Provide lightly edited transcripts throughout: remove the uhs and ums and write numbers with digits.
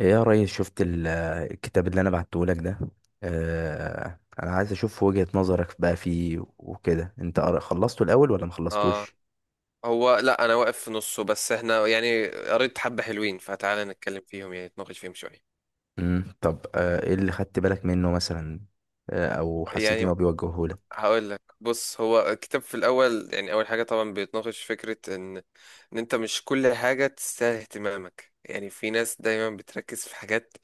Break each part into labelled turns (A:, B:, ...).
A: ايه يا ريس؟ شفت الكتاب اللي انا بعته لك ده. آه، انا عايز اشوف وجهة نظرك بقى فيه وكده. انت خلصته الاول ولا ما
B: اه،
A: خلصتوش؟
B: هو لا انا واقف في نصه، بس احنا يعني قريت حبة حلوين، فتعالى نتكلم فيهم يعني نتناقش فيهم شوية.
A: طب، آه، ايه اللي خدت بالك منه مثلا؟ آه، او حسيت ان
B: يعني
A: هو بيوجهه لك؟
B: هقول لك بص، هو الكتاب في الاول يعني اول حاجة طبعا بيتناقش فكرة ان ان انت مش كل حاجة تستاهل اهتمامك. يعني في ناس دايما بتركز في حاجات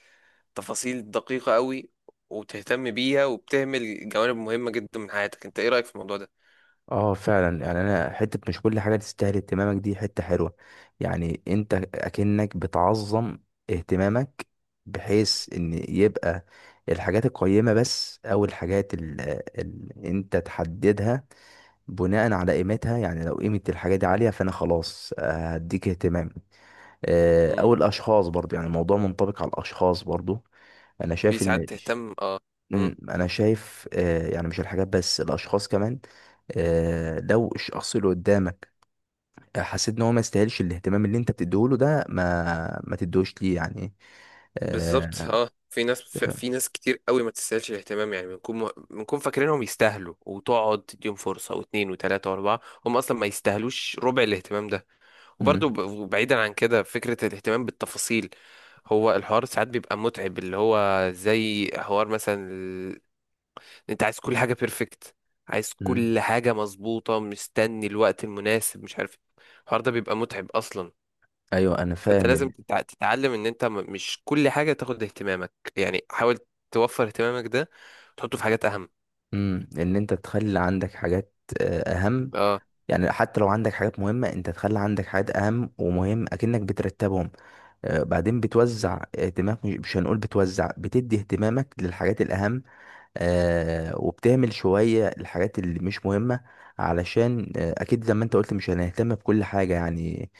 B: تفاصيل دقيقة قوي وتهتم بيها وبتهمل جوانب مهمة جدا من حياتك. انت ايه رأيك في الموضوع ده؟
A: اه، فعلا. يعني انا حتة مش كل حاجة تستاهل اهتمامك دي حتة حلوة. يعني انت اكنك بتعظم اهتمامك، بحيث ان يبقى الحاجات القيمة بس او الحاجات اللي انت تحددها بناء على قيمتها. يعني لو قيمة الحاجة دي عالية فأنا خلاص، آه، هديك اهتمام. آه،
B: امم
A: أو الأشخاص برضو. يعني الموضوع منطبق على الأشخاص برضو. أنا
B: في
A: شايف إن
B: ساعات تهتم،
A: مم، أنا شايف آه، يعني مش الحاجات بس، الأشخاص كمان. آه، لو الشخص اللي قدامك، آه، حسيت إن هو ما يستاهلش الاهتمام اللي أنت بتديهوله ده، ما تدوش ليه يعني.
B: بالظبط.
A: آه.
B: اه في ناس، في
A: تفهم؟
B: في ناس كتير قوي ما تستاهلش الاهتمام، يعني بنكون فاكرينهم يستاهلوا وتقعد تديهم فرصه واثنين وثلاثه واربعه، هم اصلا ما يستاهلوش ربع الاهتمام ده. وبرضو
A: مم.
B: بعيدا عن كده، فكره الاهتمام بالتفاصيل، هو الحوار ساعات بيبقى متعب، اللي هو زي حوار مثلا انت عايز كل حاجه بيرفكت، عايز
A: مم.
B: كل حاجه مظبوطه، مستني الوقت المناسب، مش عارف إيه. الحوار ده بيبقى متعب اصلا.
A: أيوه، أنا
B: فانت
A: فاهم.
B: لازم تتعلم ان انت مش كل حاجه تاخد اهتمامك. يعني حاول توفر اهتمامك ده، تحطه في حاجات اهم.
A: مم، إن أنت تخلي عندك حاجات، آه، أهم.
B: اه.
A: يعني حتى لو عندك حاجات مهمة انت تخلي عندك حاجات اهم، ومهم اكنك بترتبهم. آه، بعدين
B: مم.
A: بتوزع اهتمامك، مش هنقول بتوزع، بتدي اهتمامك للحاجات الاهم. آه، وبتهمل شوية الحاجات اللي مش مهمة. علشان آه، اكيد زي ما انت قلت مش هنهتم بكل حاجة يعني.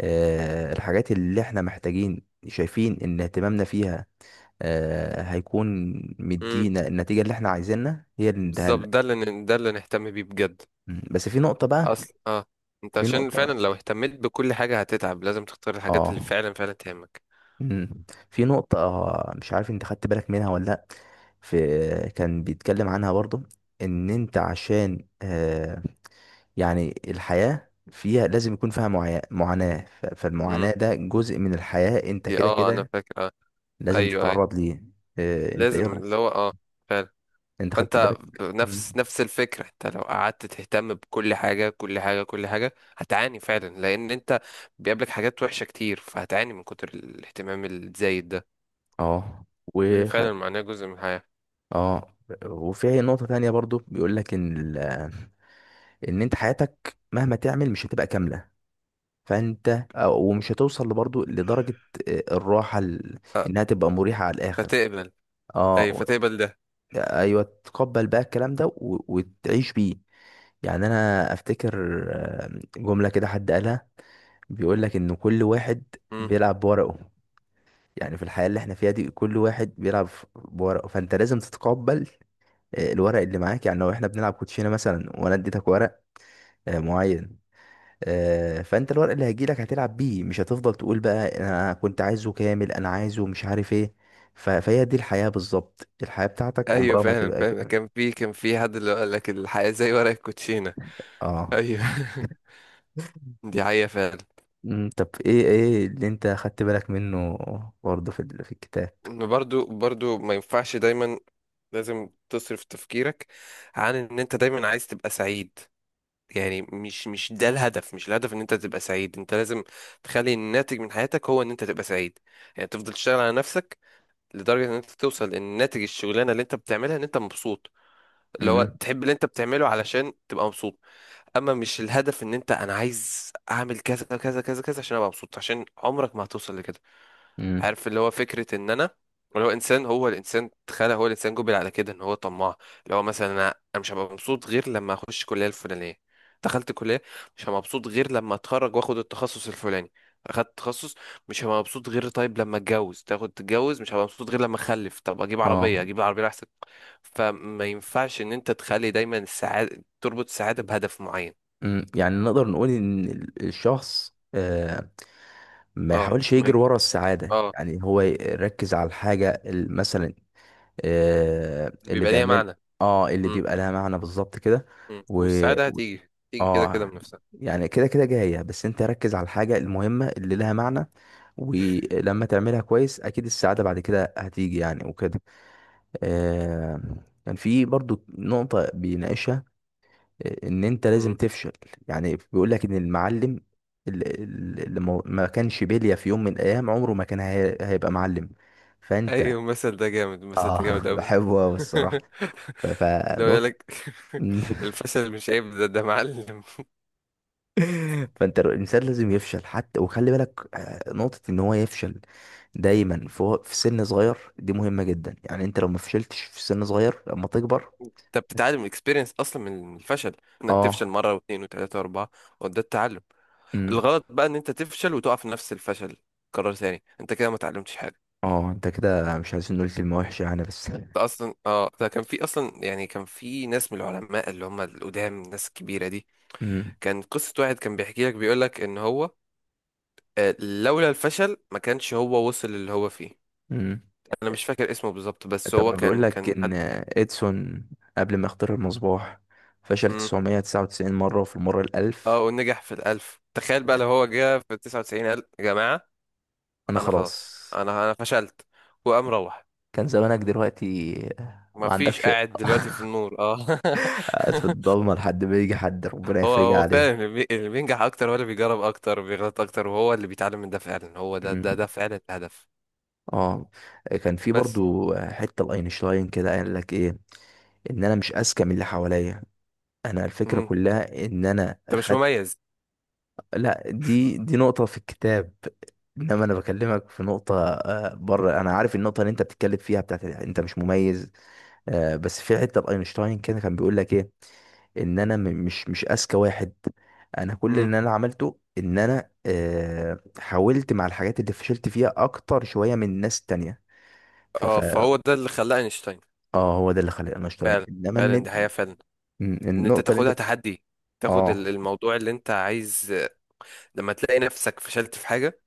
A: آه، الحاجات اللي احنا محتاجين شايفين ان اهتمامنا فيها، آه، هيكون
B: مم.
A: مدينا النتيجة اللي احنا عايزينها هي اللي نديها
B: بالظبط،
A: لك.
B: ده اللي ده اللي نهتم بيه بجد.
A: مم. بس في نقطة بقى.
B: اصل انت
A: في
B: عشان فعلا
A: نقطة،
B: لو اهتميت بكل حاجه هتتعب، لازم تختار الحاجات اللي
A: اه.
B: فعلا فعلا تهمك.
A: مم. في نقطة، آه، مش عارف انت خدت بالك منها ولا لأ. في، كان بيتكلم عنها برضو، ان انت عشان آه، يعني الحياة فيها لازم يكون فيها معاناة،
B: مم.
A: فالمعاناة ده جزء من الحياة، انت
B: دي
A: كده
B: انا
A: كده
B: فاكر،
A: لازم
B: ايوه، اي، أيوة.
A: تتعرض ليه. آه، انت ايه
B: لازم، اللي
A: رأيك؟
B: هو فعلا.
A: انت خدت
B: فانت
A: بالك؟ مم.
B: بنفس نفس الفكره، انت لو قعدت تهتم بكل حاجه كل حاجه كل حاجه هتعاني فعلا، لان انت بيقابلك حاجات وحشه كتير، فهتعاني من كتر الاهتمام الزايد ده،
A: اه.
B: لان
A: وخد،
B: فعلا معناه جزء من الحياه.
A: اه، وفي نقطة تانية برضو بيقول لك ان ان انت حياتك مهما تعمل مش هتبقى كاملة. فانت ومش هتوصل برضو لدرجة، آه، الراحة
B: أه،
A: انها تبقى مريحة على الاخر.
B: فتقبل.
A: اه،
B: ايوه، فتقبل ده.
A: ايوه، تقبل بقى الكلام ده، وتعيش بيه. يعني انا افتكر، آه، جملة كده حد قالها. بيقول لك ان كل واحد
B: مم.
A: بيلعب بورقه. يعني في الحياة اللي احنا فيها دي كل واحد بيلعب بورقه، فانت لازم تتقبل، آه، الورق اللي معاك. يعني لو احنا بنلعب كوتشينة مثلا، وانا اديتك ورق، آه، معين، آه، فانت الورق اللي هيجيلك هتلعب بيه. مش هتفضل تقول بقى انا كنت عايزه كامل، انا عايزه، مش عارف ايه. فهي دي الحياة بالظبط. الحياة بتاعتك
B: ايوه
A: عمرها ما
B: فعلا
A: تبقى
B: فعلا،
A: كامل.
B: كان في حد اللي قال لك الحياه زي ورق الكوتشينه.
A: اه.
B: ايوه دي حقيقه فعلا.
A: أمم، طب ايه، ايه اللي انت خدت بالك منه برضه في الكتاب؟
B: إن برضو برضو ما ينفعش دايما، لازم تصرف تفكيرك عن ان انت دايما عايز تبقى سعيد. يعني مش ده الهدف، مش الهدف ان انت تبقى سعيد، انت لازم تخلي الناتج من حياتك هو ان انت تبقى سعيد. يعني تفضل تشتغل على نفسك لدرجة ان انت توصل ان ناتج الشغلانة اللي انت بتعملها ان انت مبسوط، اللي هو
A: امم
B: تحب اللي انت بتعمله علشان تبقى مبسوط. اما مش الهدف ان انت، انا عايز اعمل كذا كذا كذا كذا عشان ابقى مبسوط، عشان عمرك ما هتوصل لكده.
A: امم
B: عارف اللي هو فكرة ان انا، اللي هو انسان، هو الانسان، تخيل، هو الانسان جبل على كده ان هو طماع. اللي هو مثلا، انا أنا مش هبقى مبسوط غير لما اخش الكلية الفلانية. دخلت الكلية، مش هبقى مبسوط غير لما اتخرج واخد التخصص الفلاني. اخدت تخصص، مش هبقى مبسوط غير طيب لما اتجوز. تاخد تتجوز، مش هبقى مبسوط غير لما اخلف. طب اجيب
A: اه.
B: عربية، اجيب العربية احسن. فما ينفعش ان انت تخلي دايما السعادة، تربط السعادة بهدف معين.
A: يعني نقدر نقول ان الشخص، آه، ما
B: اه
A: يحاولش
B: ما
A: يجري
B: يج-
A: ورا السعادة.
B: اه
A: يعني هو يركز على الحاجة مثلا، آه، اللي
B: بيبقى ليها
A: بيعمل،
B: معنى.
A: اه اللي
B: م-
A: بيبقى لها معنى. بالظبط كده.
B: م.
A: و
B: والسعادة
A: و-
B: هتيجي تيجي كده كده
A: اه.
B: من نفسها.
A: يعني كده كده جاية، بس انت ركز على الحاجة المهمة اللي لها معنى، ولما تعملها كويس اكيد السعادة بعد كده هتيجي يعني وكده. آه، كان في برضو نقطة بيناقشها، آه، ان انت لازم
B: إمم.
A: تفشل. يعني بيقول لك ان المعلم، اللي اللي ما كانش بلية في يوم من الايام، عمره ما كان هيبقى معلم. فانت
B: ايوه المثل ده جامد، المثل ده
A: اه
B: جامد قوي.
A: بحبه أوي الصراحة.
B: لو يقول
A: فنقطة
B: لك، الفشل مش عيب، ده ده معلم.
A: فانت الانسان لازم يفشل. حتى وخلي بالك آه، نقطة ان هو يفشل دايما في في سن صغير دي مهمة جدا. يعني انت لو ما فشلتش في سن صغير لما تكبر،
B: انت بتتعلم من الاكسبيرينس اصلا، من الفشل، انك تفشل
A: اه.
B: مره واثنين وثلاثه واربعه، وده التعلم.
A: امم.
B: الغلط بقى ان انت تفشل وتقع في نفس الفشل قرار ثاني، انت كده ما اتعلمتش حاجه.
A: اه، انت كده، مش عايزين نقول كلمة وحشة يعني بس
B: ده اصلا ده كان في اصلا، يعني كان في ناس من العلماء اللي هم القدام، الناس الكبيره دي،
A: امم.
B: كان قصه واحد كان بيحكي لك، بيقول لك ان هو، لولا الفشل ما كانش هو وصل اللي هو فيه.
A: امم.
B: انا مش فاكر اسمه بالظبط، بس
A: طب
B: هو
A: ما بيقول
B: كان
A: لك
B: كان
A: ان
B: حد جامد.
A: اديسون قبل ما يخترع المصباح فشل
B: مم.
A: 999 مرة، وفي المرة
B: اه،
A: الألف.
B: ونجح في الألف. تخيل بقى لو هو جه في 99، قال يا جماعة
A: انا
B: أنا
A: خلاص.
B: خلاص، أنا فشلت وقام روح.
A: كان زمانك دلوقتي
B: ما
A: ما
B: فيش
A: عندكش
B: قاعد دلوقتي في النور. اه
A: قاعد في الضلمة لحد ما يجي حد ربنا
B: هو
A: يفرجها
B: هو
A: عليه.
B: فعلا، اللي بينجح أكتر هو اللي بيجرب أكتر وبيغلط أكتر، وهو اللي بيتعلم من ده. فعلا هو ده،
A: مم.
B: ده فعلا الهدف.
A: اه. كان في
B: بس.
A: برضو حتة لاينشتاين كده قال لك ايه، ان انا مش اذكى من اللي حواليا. انا الفكرة
B: مم.
A: كلها ان انا
B: أنت مش
A: خد.
B: مميز.
A: لا، دي نقطة في الكتاب. انما انا بكلمك في نقطة، آه، بره. انا عارف النقطة اللي انت بتتكلم فيها بتاعت انت مش مميز. آه، بس في حتة لاينشتاين كده كان بيقول لك ايه، ان انا مش اذكى واحد. انا كل
B: مم.
A: اللي انا عملته ان انا آه، حاولت مع الحاجات اللي فشلت فيها اكتر شويه من ناس تانية. ف ف
B: اه فهو ده اللي خلاه أينشتاين.
A: اه، هو ده اللي خلاني انا اشتغل،
B: فعلا
A: انما
B: فعلا،
A: النت.
B: دي حقيقة فعلا. إن أنت
A: النقطه اللي انت،
B: تاخدها تحدي، تاخد
A: اه.
B: الموضوع اللي انت عايز، لما تلاقي نفسك فشلت في حاجة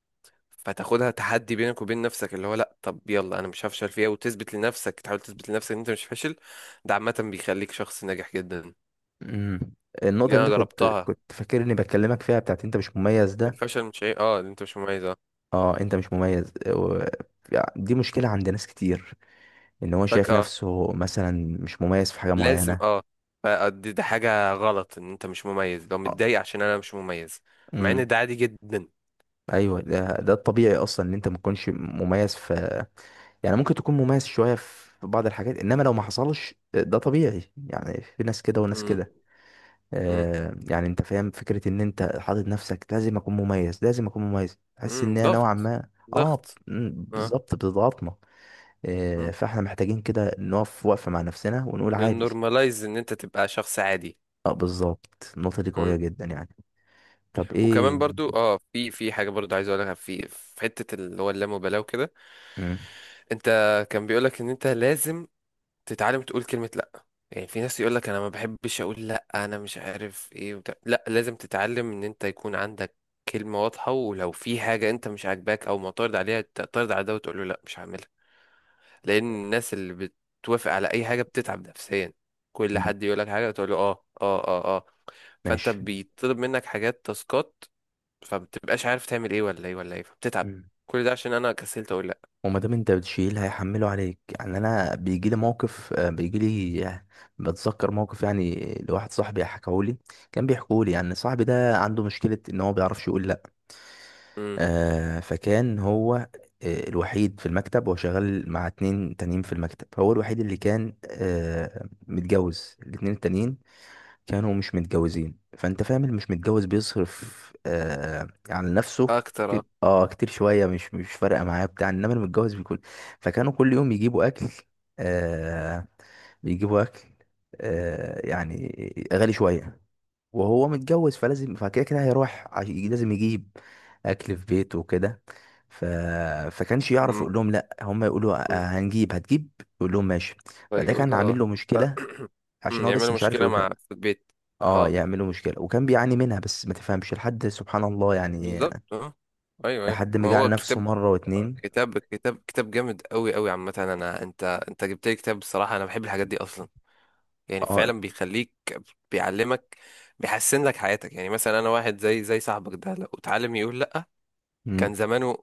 B: فتاخدها تحدي بينك وبين نفسك، اللي هو لا، طب يلا انا مش هفشل فيها، وتثبت لنفسك، تحاول تثبت لنفسك ان انت مش فاشل. ده عامة بيخليك شخص ناجح جدا.
A: مم. النقطه
B: اللي
A: اللي
B: انا
A: انت كنت
B: جربتها،
A: كنت فاكر اني بكلمك فيها بتاعت انت مش مميز ده.
B: الفشل مش عيب، اه، ان انت مش مميز، اه.
A: اه، انت مش مميز، آه، و، دي مشكله عند ناس كتير، ان هو شايف
B: فجأة
A: نفسه مثلا مش مميز في حاجه
B: لازم،
A: معينه.
B: اه، فدي ده حاجة غلط، ان انت مش مميز، لو
A: آه.
B: متضايق عشان انا مش مميز، مع
A: مم.
B: ان ده عادي جدا.
A: ايوه، ده الطبيعي اصلا ان انت ما تكونش مميز في. يعني ممكن تكون مميز شويه في بعض الحاجات، انما لو ما حصلش ده طبيعي يعني، في ناس كده وناس
B: امم.
A: كده.
B: امم.
A: آه، يعني انت فاهم فكره ان انت حاطط نفسك لازم اكون مميز لازم اكون مميز، تحس
B: امم،
A: ان هي نوعا
B: ضغط،
A: ما،
B: ضغط.
A: اه. مم،
B: اه.
A: بالظبط، بتضغطنا. آه،
B: امم،
A: فاحنا محتاجين كده نقف وقفه مع نفسنا ونقول عادي.
B: نورماليز ان انت تبقى شخص عادي.
A: اه، بالظبط، النقطه دي قويه
B: إمم.
A: جدا يعني. طب ايه؟
B: وكمان برضو، اه، في في حاجه برضو عايز اقولها، في في حته اللي هو اللامبالاه وكده.
A: مم.
B: انت، كان بيقولك ان انت لازم تتعلم تقول كلمه لا. يعني في ناس يقولك انا ما بحبش اقول لا، انا مش عارف ايه وبتاع. لا، لازم تتعلم ان انت يكون عندك كلمه واضحه، ولو في حاجه انت مش عاجباك او معترض عليها، تعترض على ده وتقول له لا مش هعملها. لان الناس اللي بتوافق على اي حاجه بتتعب نفسيا. كل
A: مم.
B: حد يقولك حاجه تقول له اه اه اه اه، فانت
A: ماشي.
B: بيطلب منك حاجات تاسكات فبتبقاش عارف تعمل ايه ولا ايه ولا ايه، فبتتعب. كل ده عشان انا كسلت اقول لا.
A: وما دام انت بتشيل هيحمله عليك. يعني انا بيجي لي موقف، آه، بيجي لي، آه، بتذكر موقف. يعني لواحد صاحبي حكاهولي، كان بيحكولي يعني. صاحبي ده عنده مشكلة ان هو ما بيعرفش يقول لا.
B: امم.
A: آه، فكان هو آه، الوحيد في المكتب، وهو شغال مع اتنين تانيين في المكتب. هو الوحيد اللي كان، آه، متجوز. الاتنين التانيين كانوا مش متجوزين. فانت فاهم، اللي مش متجوز بيصرف آه، على نفسه
B: اكتر، اه.
A: كتير، اه كتير شويه، مش فارقه معاه بتاع، انما اللي متجوز بيكون. فكانوا كل يوم يجيبوا اكل، آه، بيجيبوا اكل، آه يعني، غالي شويه. وهو متجوز، فلازم، فكده كده هيروح، لازم يجيب اكل في بيته وكده. ف... فكانش يعرف
B: امم.
A: يقول لهم لا. هم يقولوا
B: أمم.
A: آه، هنجيب، هتجيب. يقول لهم ماشي. فده
B: فيقول
A: كان عامل
B: اه.
A: له
B: ف-
A: مشكله. عشان
B: أمم،
A: هو بس
B: يعملوا
A: مش عارف
B: مشكلة
A: يقول.
B: مع، في البيت.
A: اه،
B: اه
A: يعملوا مشكلة وكان بيعاني منها، بس ما تفهمش لحد سبحان الله يعني.
B: بالظبط، اه. ايوه ايوه.
A: لحد ما
B: ما
A: جه على
B: هو
A: نفسه
B: كتاب،
A: مرة واتنين.
B: كتاب جامد قوي قوي عامة. انا انت، انت جبت لي كتاب، بصراحة انا بحب الحاجات دي اصلا. يعني
A: اه.
B: فعلا بيخليك، بيعلمك، بيحسن لك حياتك. يعني مثلا انا واحد زي زي صاحبك ده، لو اتعلم يقول لا كان
A: امم.
B: زمانه،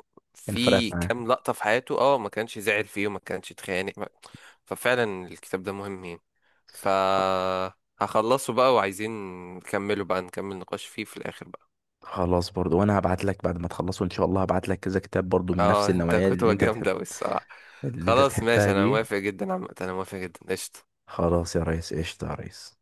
A: كان فرقت
B: في
A: معاه.
B: كام لقطة في حياته اه ما كانش زعل فيه وما كانش اتخانق ففعلا الكتاب ده مهم يعني. ف،
A: خ-
B: هخلصه بقى وعايزين نكمله بقى، نكمل نقاش فيه في الآخر بقى.
A: خلاص برضو. وانا هبعت لك بعد ما تخلصوا ان شاء الله هبعت لك كذا كتاب برضو من نفس
B: اه انت
A: النوعية اللي
B: كتبة
A: انت بتحب،
B: جامدة أوي الصراحة.
A: اللي انت
B: خلاص
A: بتحبها
B: ماشي، انا
A: دي.
B: موافق جدا عامة، انا موافق جدا، قشطة.
A: خلاص يا ريس، قشطة يا ريس.